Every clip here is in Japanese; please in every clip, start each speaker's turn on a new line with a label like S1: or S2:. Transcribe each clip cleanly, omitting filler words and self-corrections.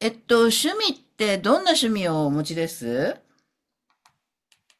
S1: 趣味ってどんな趣味をお持ちです？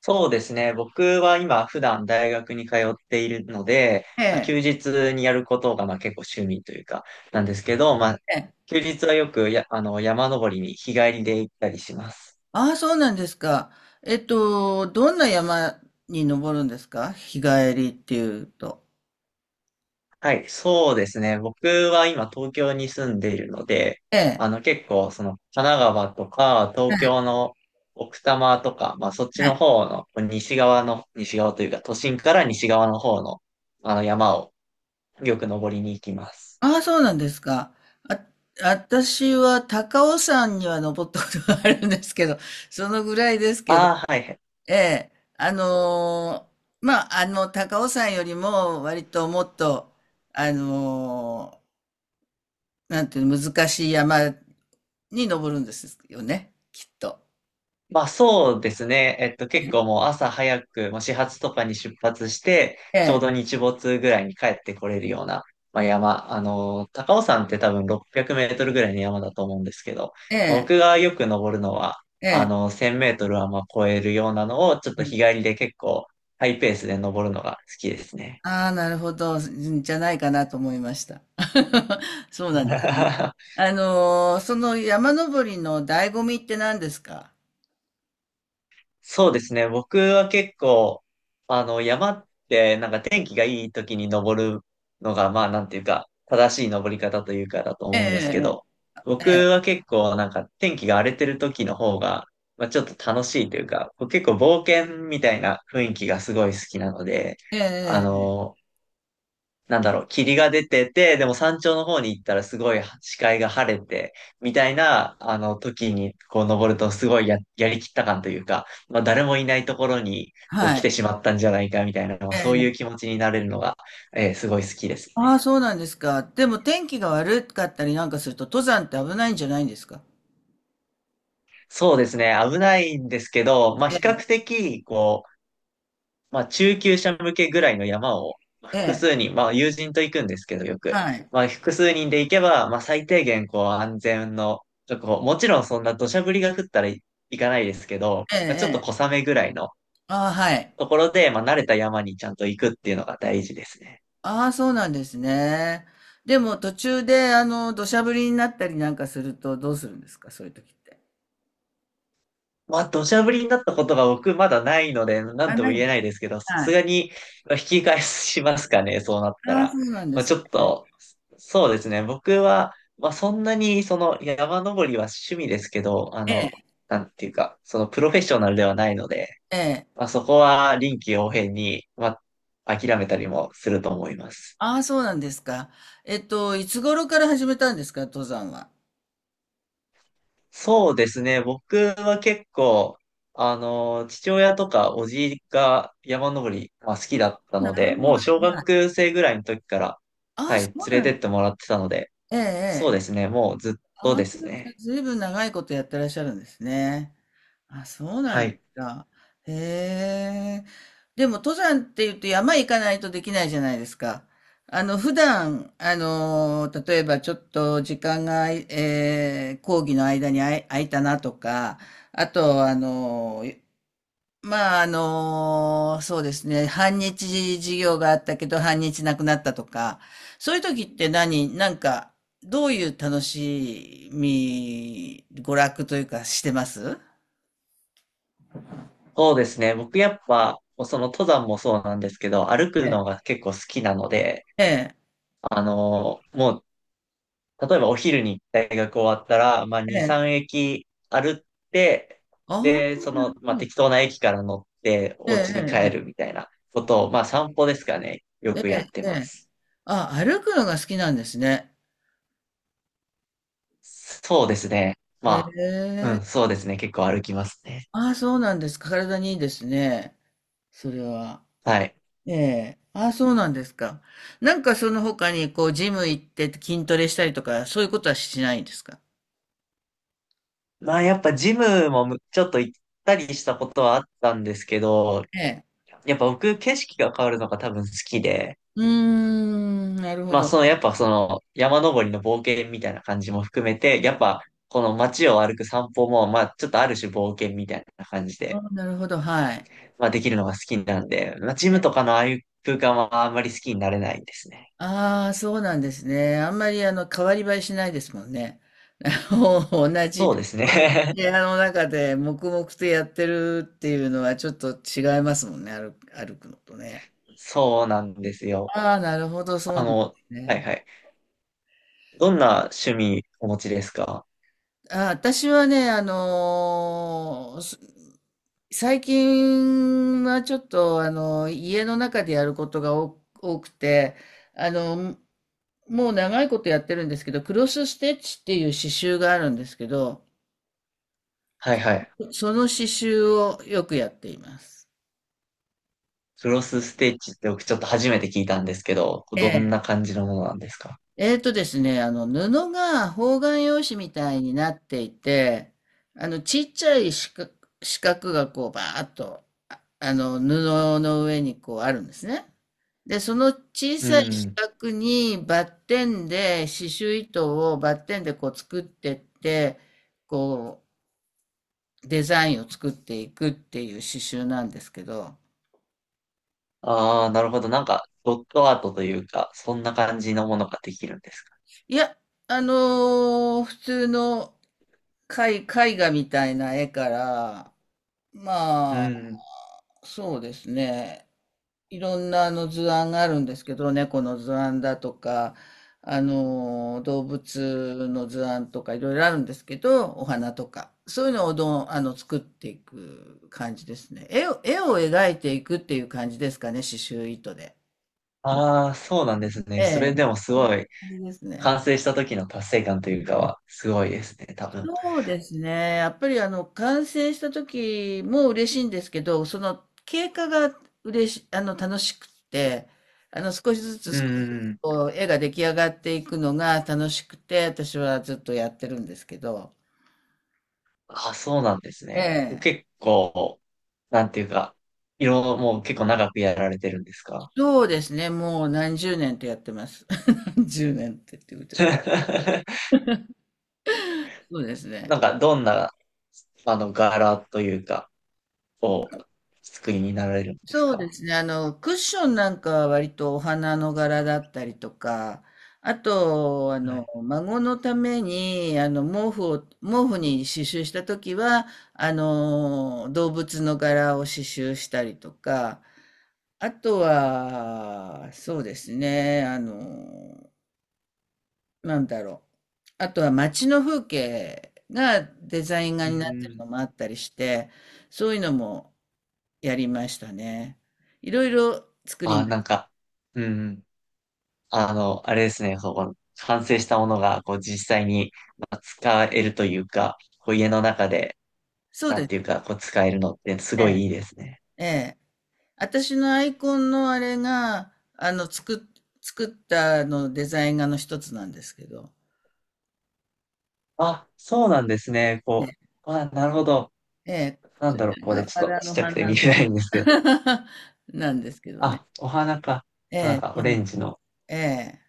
S2: そうですね。僕は今普段大学に通っているので、
S1: え
S2: まあ、
S1: え。
S2: 休日にやることがまあ結構趣味というかなんですけど、まあ、
S1: ええ。
S2: 休日はよくあの、山登りに日帰りで行ったりします。
S1: ああ、そうなんですか。どんな山に登るんですか、日帰りっていうと。
S2: はい、そうですね。僕は今東京に住んでいるので、
S1: ええ。
S2: あの結構その神奈川とか
S1: え
S2: 東
S1: え。
S2: 京の奥多摩とか、まあそっち
S1: は
S2: の
S1: い。
S2: 方の西側の、西側というか都心から西側の方のあの山をよく登りに行きます。
S1: ああ、そうなんですか。あ、私は高尾山には登ったことがあるんですけど、そのぐらいですけど。
S2: ああ、はいはい。
S1: ええ。まあ、高尾山よりも割ともっと、あのーなんていうの、難しい山に上るんですよね、きっと。
S2: まあそうですね。結構もう朝早く、もう始発とかに出発して、
S1: え
S2: ちょう
S1: え、
S2: ど日没ぐらいに帰ってこれるような、まあ、山。あの、高尾山って多分600メートルぐらいの山だと思うんですけど、
S1: ええ、
S2: 僕がよく登るのは、
S1: え
S2: あ
S1: え。
S2: の、1000メートルはまあ超えるようなのを、ちょっと日帰りで結構ハイペースで登るのが好きですね。
S1: ああ、なるほど、んじゃないかなと思いました。そうなんですね。その山登りの醍醐味って何ですか？
S2: そうですね。僕は結構、あの、山ってなんか天気がいい時に登るのが、まあなんていうか、正しい登り方というかだと思うんですけど、僕は結構なんか天気が荒れてる時の方が、まあちょっと楽しいというか、こう結構冒険みたいな雰囲気がすごい好きなので、
S1: ええ。ええ
S2: あ
S1: ええええ。
S2: の、なんだろう、霧が出てて、でも山頂の方に行ったらすごい視界が晴れて、みたいな、あの、時にこう登るとすごいやりきった感というか、まあ誰もいないところにこう
S1: は
S2: 来て
S1: い。
S2: しまったんじゃないかみたいな、まあ
S1: え
S2: そういう気
S1: え。
S2: 持ちになれるのが、すごい好きです
S1: ああ、
S2: ね。
S1: そうなんですか。でも天気が悪かったりなんかすると、登山って危ないんじゃないんですか？
S2: そうですね、危ないんですけど、まあ
S1: え
S2: 比較
S1: え、
S2: 的、こう、まあ、中級者向けぐらいの山を、まあ
S1: え
S2: 複
S1: え、
S2: 数人、まあ、友人と行くんですけど、よく。
S1: はい。
S2: まあ、複数人で行けば、まあ、最低限、こう、安全の確保、ともちろんそんな土砂降りが降ったら行かないですけど、
S1: ええ
S2: まあちょっと
S1: ええ。
S2: 小雨ぐらいの
S1: ああ、はい。
S2: ところで、まあ、慣れた山にちゃんと行くっていうのが大事ですね。
S1: ああ、そうなんですね。でも途中で、土砂降りになったりなんかするとどうするんですか、そういう時って。
S2: まあ、土砂降りになったことが僕まだないので、なん
S1: あ、
S2: とも
S1: ない
S2: 言
S1: で
S2: え
S1: す。
S2: ないですけど、さ
S1: は
S2: す
S1: い。
S2: がにまあ引き返しますかね、そうなった
S1: ああ、
S2: ら。
S1: そうなんで
S2: まあ、
S1: す
S2: ち
S1: ね。
S2: ょっと、そうですね、僕は、まあ、そんなに、その、山登りは趣味ですけど、あ
S1: え
S2: の、
S1: え、
S2: なんていうか、その、プロフェッショナルではないので、
S1: ええ。
S2: まあ、そこは臨機応変に、まあ、諦めたりもすると思います。
S1: ああ、そうなんですか。いつ頃から始めたんですか、登山は。
S2: そうですね。僕は結構、あの、父親とかおじいが山登り、まあ、好
S1: あ
S2: きだった
S1: あ、な
S2: の
S1: る
S2: で、
S1: ほど。
S2: もう小
S1: まあ、
S2: 学生ぐらいの時から、
S1: あ
S2: は
S1: あ、
S2: い、
S1: そ
S2: 連
S1: う
S2: れ
S1: なん、
S2: てってもらってたので、
S1: ええ、え
S2: そう
S1: え。
S2: で
S1: ええ、
S2: すね。もうずっと
S1: ああ、
S2: で
S1: じ
S2: す
S1: ゃあ、
S2: ね。
S1: ずいぶん長いことやってらっしゃるんですね。あ、そうな
S2: は
S1: んです
S2: い。
S1: か。へえ。でも登山って言うと山行かないとできないじゃないですか。普段、例えばちょっと時間が、講義の間に空いたなとか、あと、まあ、そうですね、半日授業があったけど半日なくなったとか、そういう時ってなんか、どういう楽しみ、娯楽というかしてます？
S2: そうですね。僕やっぱ、その登山もそうなんですけど、歩くのが結構好きなので、
S1: ええ。
S2: あの、もう例えばお昼に大学終わったら、まあ、
S1: え
S2: 2、
S1: え。
S2: 3駅歩って、
S1: あ
S2: で、そ
S1: あ、な
S2: の、
S1: るほ
S2: まあ、
S1: ど。
S2: 適当な駅から乗ってお家に帰
S1: え
S2: る
S1: ええ
S2: みたいなことを、まあ、散歩ですかね。よ
S1: ええ
S2: く
S1: え。
S2: やって
S1: えええ
S2: ま
S1: え。
S2: す。
S1: あ、歩くのが好きなんですね。
S2: そうですね。
S1: え
S2: まあ、うん、
S1: え。
S2: そうですね。結構歩きますね。
S1: ああ、そうなんですか。体にいいですね、それは。
S2: はい。
S1: ええ。ああ、そうなんですか。なんかその他にこうジム行って筋トレしたりとか、そういうことはしないんですか？
S2: まあ、やっぱジムもちょっと行ったりしたことはあったんですけど、
S1: ええ。
S2: やっぱ僕景色が変わるのが多分好きで、
S1: うーん、なるほ
S2: まあ、
S1: ど。
S2: その、やっぱその、山登りの冒険みたいな感じも含めて、やっぱ、この街を歩く散歩も、まあ、ちょっとある種冒険みたいな感じ
S1: あ
S2: で、
S1: あ、なるほど、はい。
S2: まあ、できるのが好きなんで、まあ、ジムとかのああいう空間はあんまり好きになれないですね。
S1: ああ、そうなんですね。あんまり、変わり映えしないですもんね。あの同じ、
S2: そうです
S1: 同じ
S2: ね。
S1: 部屋の中で黙々とやってるっていうのはちょっと違いますもんね、歩くのとね。
S2: そうなんですよ。
S1: ああ、なるほど、そうな
S2: あ
S1: んです
S2: の、はい
S1: ね。
S2: はい。どんな趣味お持ちですか？
S1: あ、私はね、あのーす最近はちょっと、家の中でやることが多くて、あの、もう長いことやってるんですけど、クロスステッチっていう刺繍があるんですけど、
S2: はいはい。
S1: その刺繍をよくやっています。
S2: クロスステッチって僕ちょっと初めて聞いたんですけど、
S1: え
S2: どん
S1: え、
S2: な感じのものなんですか？
S1: えーとですね、布が方眼用紙みたいになっていて、ちっちゃい四角がこう、バーッと、布の上にこうあるんですね。で、その小
S2: う
S1: さい四
S2: ん。
S1: 角にバッテンで、刺繍糸をバッテンでこう作ってって、こう、デザインを作っていくっていう刺繍なんですけど、
S2: ああ、なるほど。なんか、ドットアートというか、そんな感じのものができるんですか？
S1: いや、あの普通の絵画みたいな絵から、
S2: う
S1: まあ、
S2: ん。
S1: そうですね。いろんな、図案があるんですけど、猫の図案だとか、動物の図案とかいろいろあるんですけど、お花とか。そういうのを作っていく感じですね。絵を描いていくっていう感じですかね、刺繍糸で。
S2: ああ、そうなんですね。
S1: え
S2: それ
S1: え。
S2: でもす
S1: そんな
S2: ごい、
S1: 感じですね。
S2: 完成した時の達成感というかは、すごいですね、多分。
S1: そうですね。やっぱり、完成した時も嬉しいんですけど、その経過が楽しくって、少しずつ
S2: う
S1: 少しずつ
S2: ん。
S1: こう、絵が出来上がっていくのが楽しくて、私はずっとやってるんですけど、
S2: ああ、そうなんです
S1: え
S2: ね。
S1: え、
S2: 結構、なんていうか、いろ、もう結構長くやられてるんですか？
S1: そうですね。もう何十年とやってます。何十年って言うとあれ、 そうですね。
S2: なんか、どんな、あの、柄というか、を作りになられるんです
S1: そうで
S2: か？
S1: すね。クッションなんかは割とお花の柄だったりとか、あと、
S2: はい。
S1: 孫のために、毛布に刺繍したときは、動物の柄を刺繍したりとか、あとは、そうですね、なんだろう。あとは街の風景がデザイン
S2: う
S1: 画になってる
S2: ん。
S1: のもあったりして、そういうのも、やりましたね。いろいろ作りま
S2: あ、
S1: し
S2: なん
S1: た。
S2: か、うん。あの、あれですね、そこ、完成したものが、こう、実際にまあ使えるというか、こう、家の中で、
S1: そう
S2: な
S1: で
S2: ん
S1: す
S2: ていうか、こう、使えるのって、すご
S1: ね。
S2: いいいですね。
S1: ええ。私のアイコンのあれが、作ったあのデザイン画の一つなんですけど、
S2: あ、そうなんですね。
S1: ね、
S2: こう、あ、なるほど。
S1: ええ、
S2: なん
S1: それ
S2: だろう、こ
S1: は
S2: れ、ち
S1: バ
S2: ょっと
S1: ラ
S2: ちっ
S1: の
S2: ちゃくて見え
S1: 花、
S2: ないんですけど。
S1: なんですけどね。
S2: あ、お花か。
S1: え
S2: なん
S1: え、
S2: か、
S1: そ
S2: オ
S1: うな
S2: レ
S1: ん、
S2: ンジの。
S1: ええ。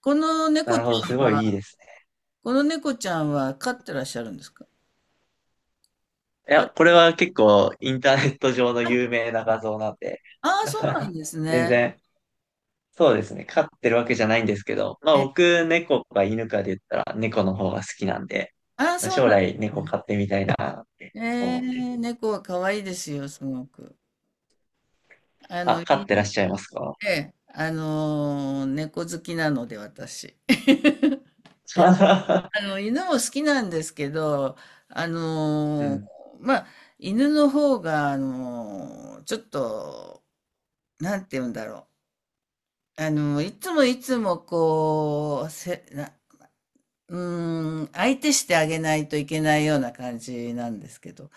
S1: この
S2: な
S1: 猫ち
S2: るほど、す
S1: ゃ
S2: ご
S1: ん
S2: いいい
S1: は、
S2: です。
S1: この猫ちゃんは飼ってらっしゃるんですか？
S2: い
S1: こ
S2: や、
S1: れ、
S2: これは結構インターネット上の有名な画像なんで、
S1: ああ、そうなん です
S2: 全
S1: ね。
S2: 然、そうですね、飼ってるわけじゃないんですけど、まあ
S1: ええ、
S2: 僕、猫か犬かで言ったら猫の方が好きなんで、
S1: ああ、
S2: まあ
S1: そう
S2: 将
S1: なんで
S2: 来
S1: す
S2: 猫
S1: ね。
S2: 飼ってみたいなって
S1: え
S2: 思ってる。
S1: え、猫は可愛いですよ、すごく。あ
S2: あ、
S1: の、
S2: 飼ってらっ
S1: 犬
S2: しゃいますか？
S1: で、えあの、猫好きなので、私。犬も好きなんですけど、あ
S2: う
S1: の、
S2: ん。
S1: まあ、犬の方が、ちょっと、なんて言うんだろう。いつもいつも、こう、うーん、相手してあげないといけないような感じなんですけど、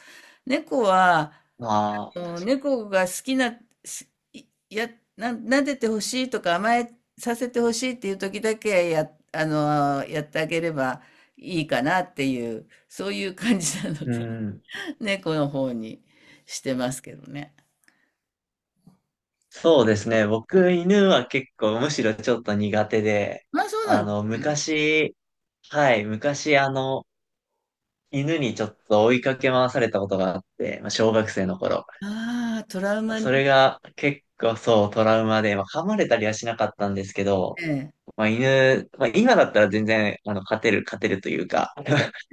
S1: 猫は、
S2: まあ、
S1: もう猫が好きな、すいや、撫でてほしいとか甘えさせてほしいっていう時だけやってあげればいいかなっていう、そういう感じなの
S2: う
S1: で、
S2: ん。
S1: 猫の方にしてますけどね。
S2: そうですね、僕、犬は結構むしろちょっと苦手で、
S1: まあそうな
S2: あ
S1: んで
S2: の、
S1: すよ。
S2: 昔、はい、昔あの、犬にちょっと追いかけ回されたことがあって、まあ、小学生の頃。
S1: ああ、トラウマ
S2: そ
S1: に。
S2: れが結構そうトラウマで、まあ、噛まれたりはしなかったんですけど、
S1: ええ、
S2: まあ、犬、まあ、今だったら全然、あの、勝てる、勝てるというか、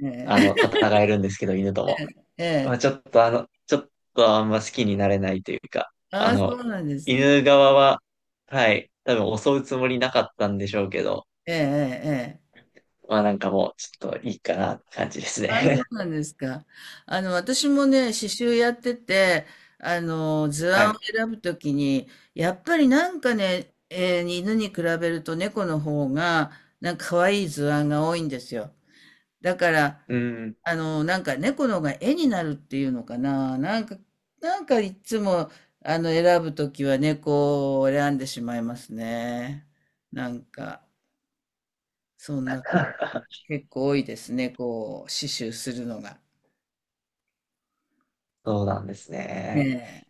S1: え
S2: あ
S1: え、
S2: の、戦えるんですけど、犬とも。
S1: え
S2: まあ、
S1: え。
S2: ちょっとあの、ちょっとあんま好きになれないというか、
S1: あ
S2: あ
S1: あ、そ
S2: の、
S1: うなんですね。
S2: 犬側は、はい、多分襲うつもりなかったんでしょうけど、
S1: ええ、ええ。ええ、
S2: まあなんかもう、ちょっといいかなって感じです
S1: あ、そ
S2: ね。
S1: うなんですか。私もね、刺繍やってて、図
S2: は
S1: 案を
S2: い。
S1: 選ぶときに、やっぱり、なんかね、犬に比べると猫の方が、なんか可愛い図案が多いんですよ。だから、
S2: うん。
S1: なんか猫の方が絵になるっていうのかな。なんかいつも、選ぶときは猫を選んでしまいますね。なんか、そんな、結構多いですね、こう、刺繍するのが。
S2: そうなんですね。
S1: ええ、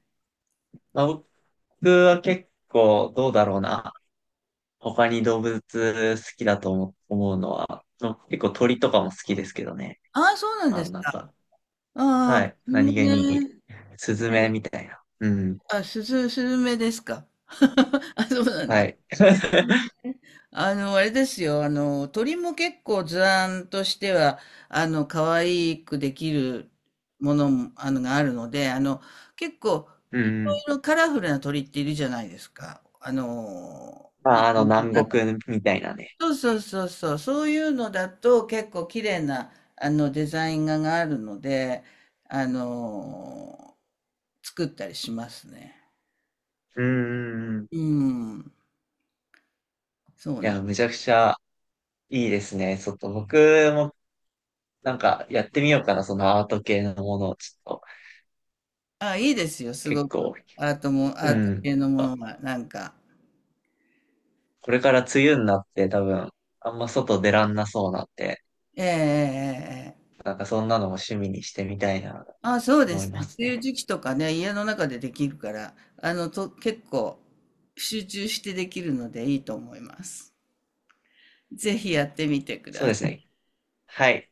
S2: まあ、僕は結構どうだろうな。他に動物好きだと思うのは、の結構鳥とかも好きですけどね。
S1: ああ、そうなん
S2: あ
S1: で
S2: の、
S1: す
S2: なん
S1: か。
S2: か、
S1: ああ、
S2: はい。
S1: スズ
S2: 何気
S1: メ
S2: に、
S1: ね。
S2: スズメ
S1: ね、
S2: みたいな。うん。
S1: あ、すずスズメですか。あ、そうなん
S2: は
S1: だ。
S2: い。
S1: あれですよ。鳥も結構図案としては、可愛くできるものも、があるので、結構、
S2: う
S1: い
S2: ん。
S1: ろいろカラフルな鳥っているじゃないですか。ま
S2: ま
S1: あ、
S2: あ、あの、南国みたいなね。
S1: そうそうそうそう、そういうのだと結構綺麗な、あのデザイン画があるので、あの作ったりしますね。
S2: うん。い
S1: うん、そうなん。
S2: や、めちゃくちゃいいですね。ちょっと僕もなんかやってみようかな、そのアート系のものをちょっと
S1: あ、いいですよ、す
S2: 結
S1: ごく。
S2: 構、
S1: アートも、
S2: う
S1: アート
S2: ん。
S1: 系のものが、なんか。
S2: これから梅雨になって多分、あんま外出らんなそうなんで、
S1: ええええええ、
S2: なんかそんなのも趣味にしてみたいな、
S1: あ、そうで
S2: 思い
S1: す
S2: ま
S1: ね。
S2: す
S1: 梅雨
S2: ね。
S1: 時期とかね、家の中でできるから、結構集中してできるのでいいと思います。ぜひやってみてく
S2: そう
S1: だ
S2: で
S1: さい。
S2: すね。はい。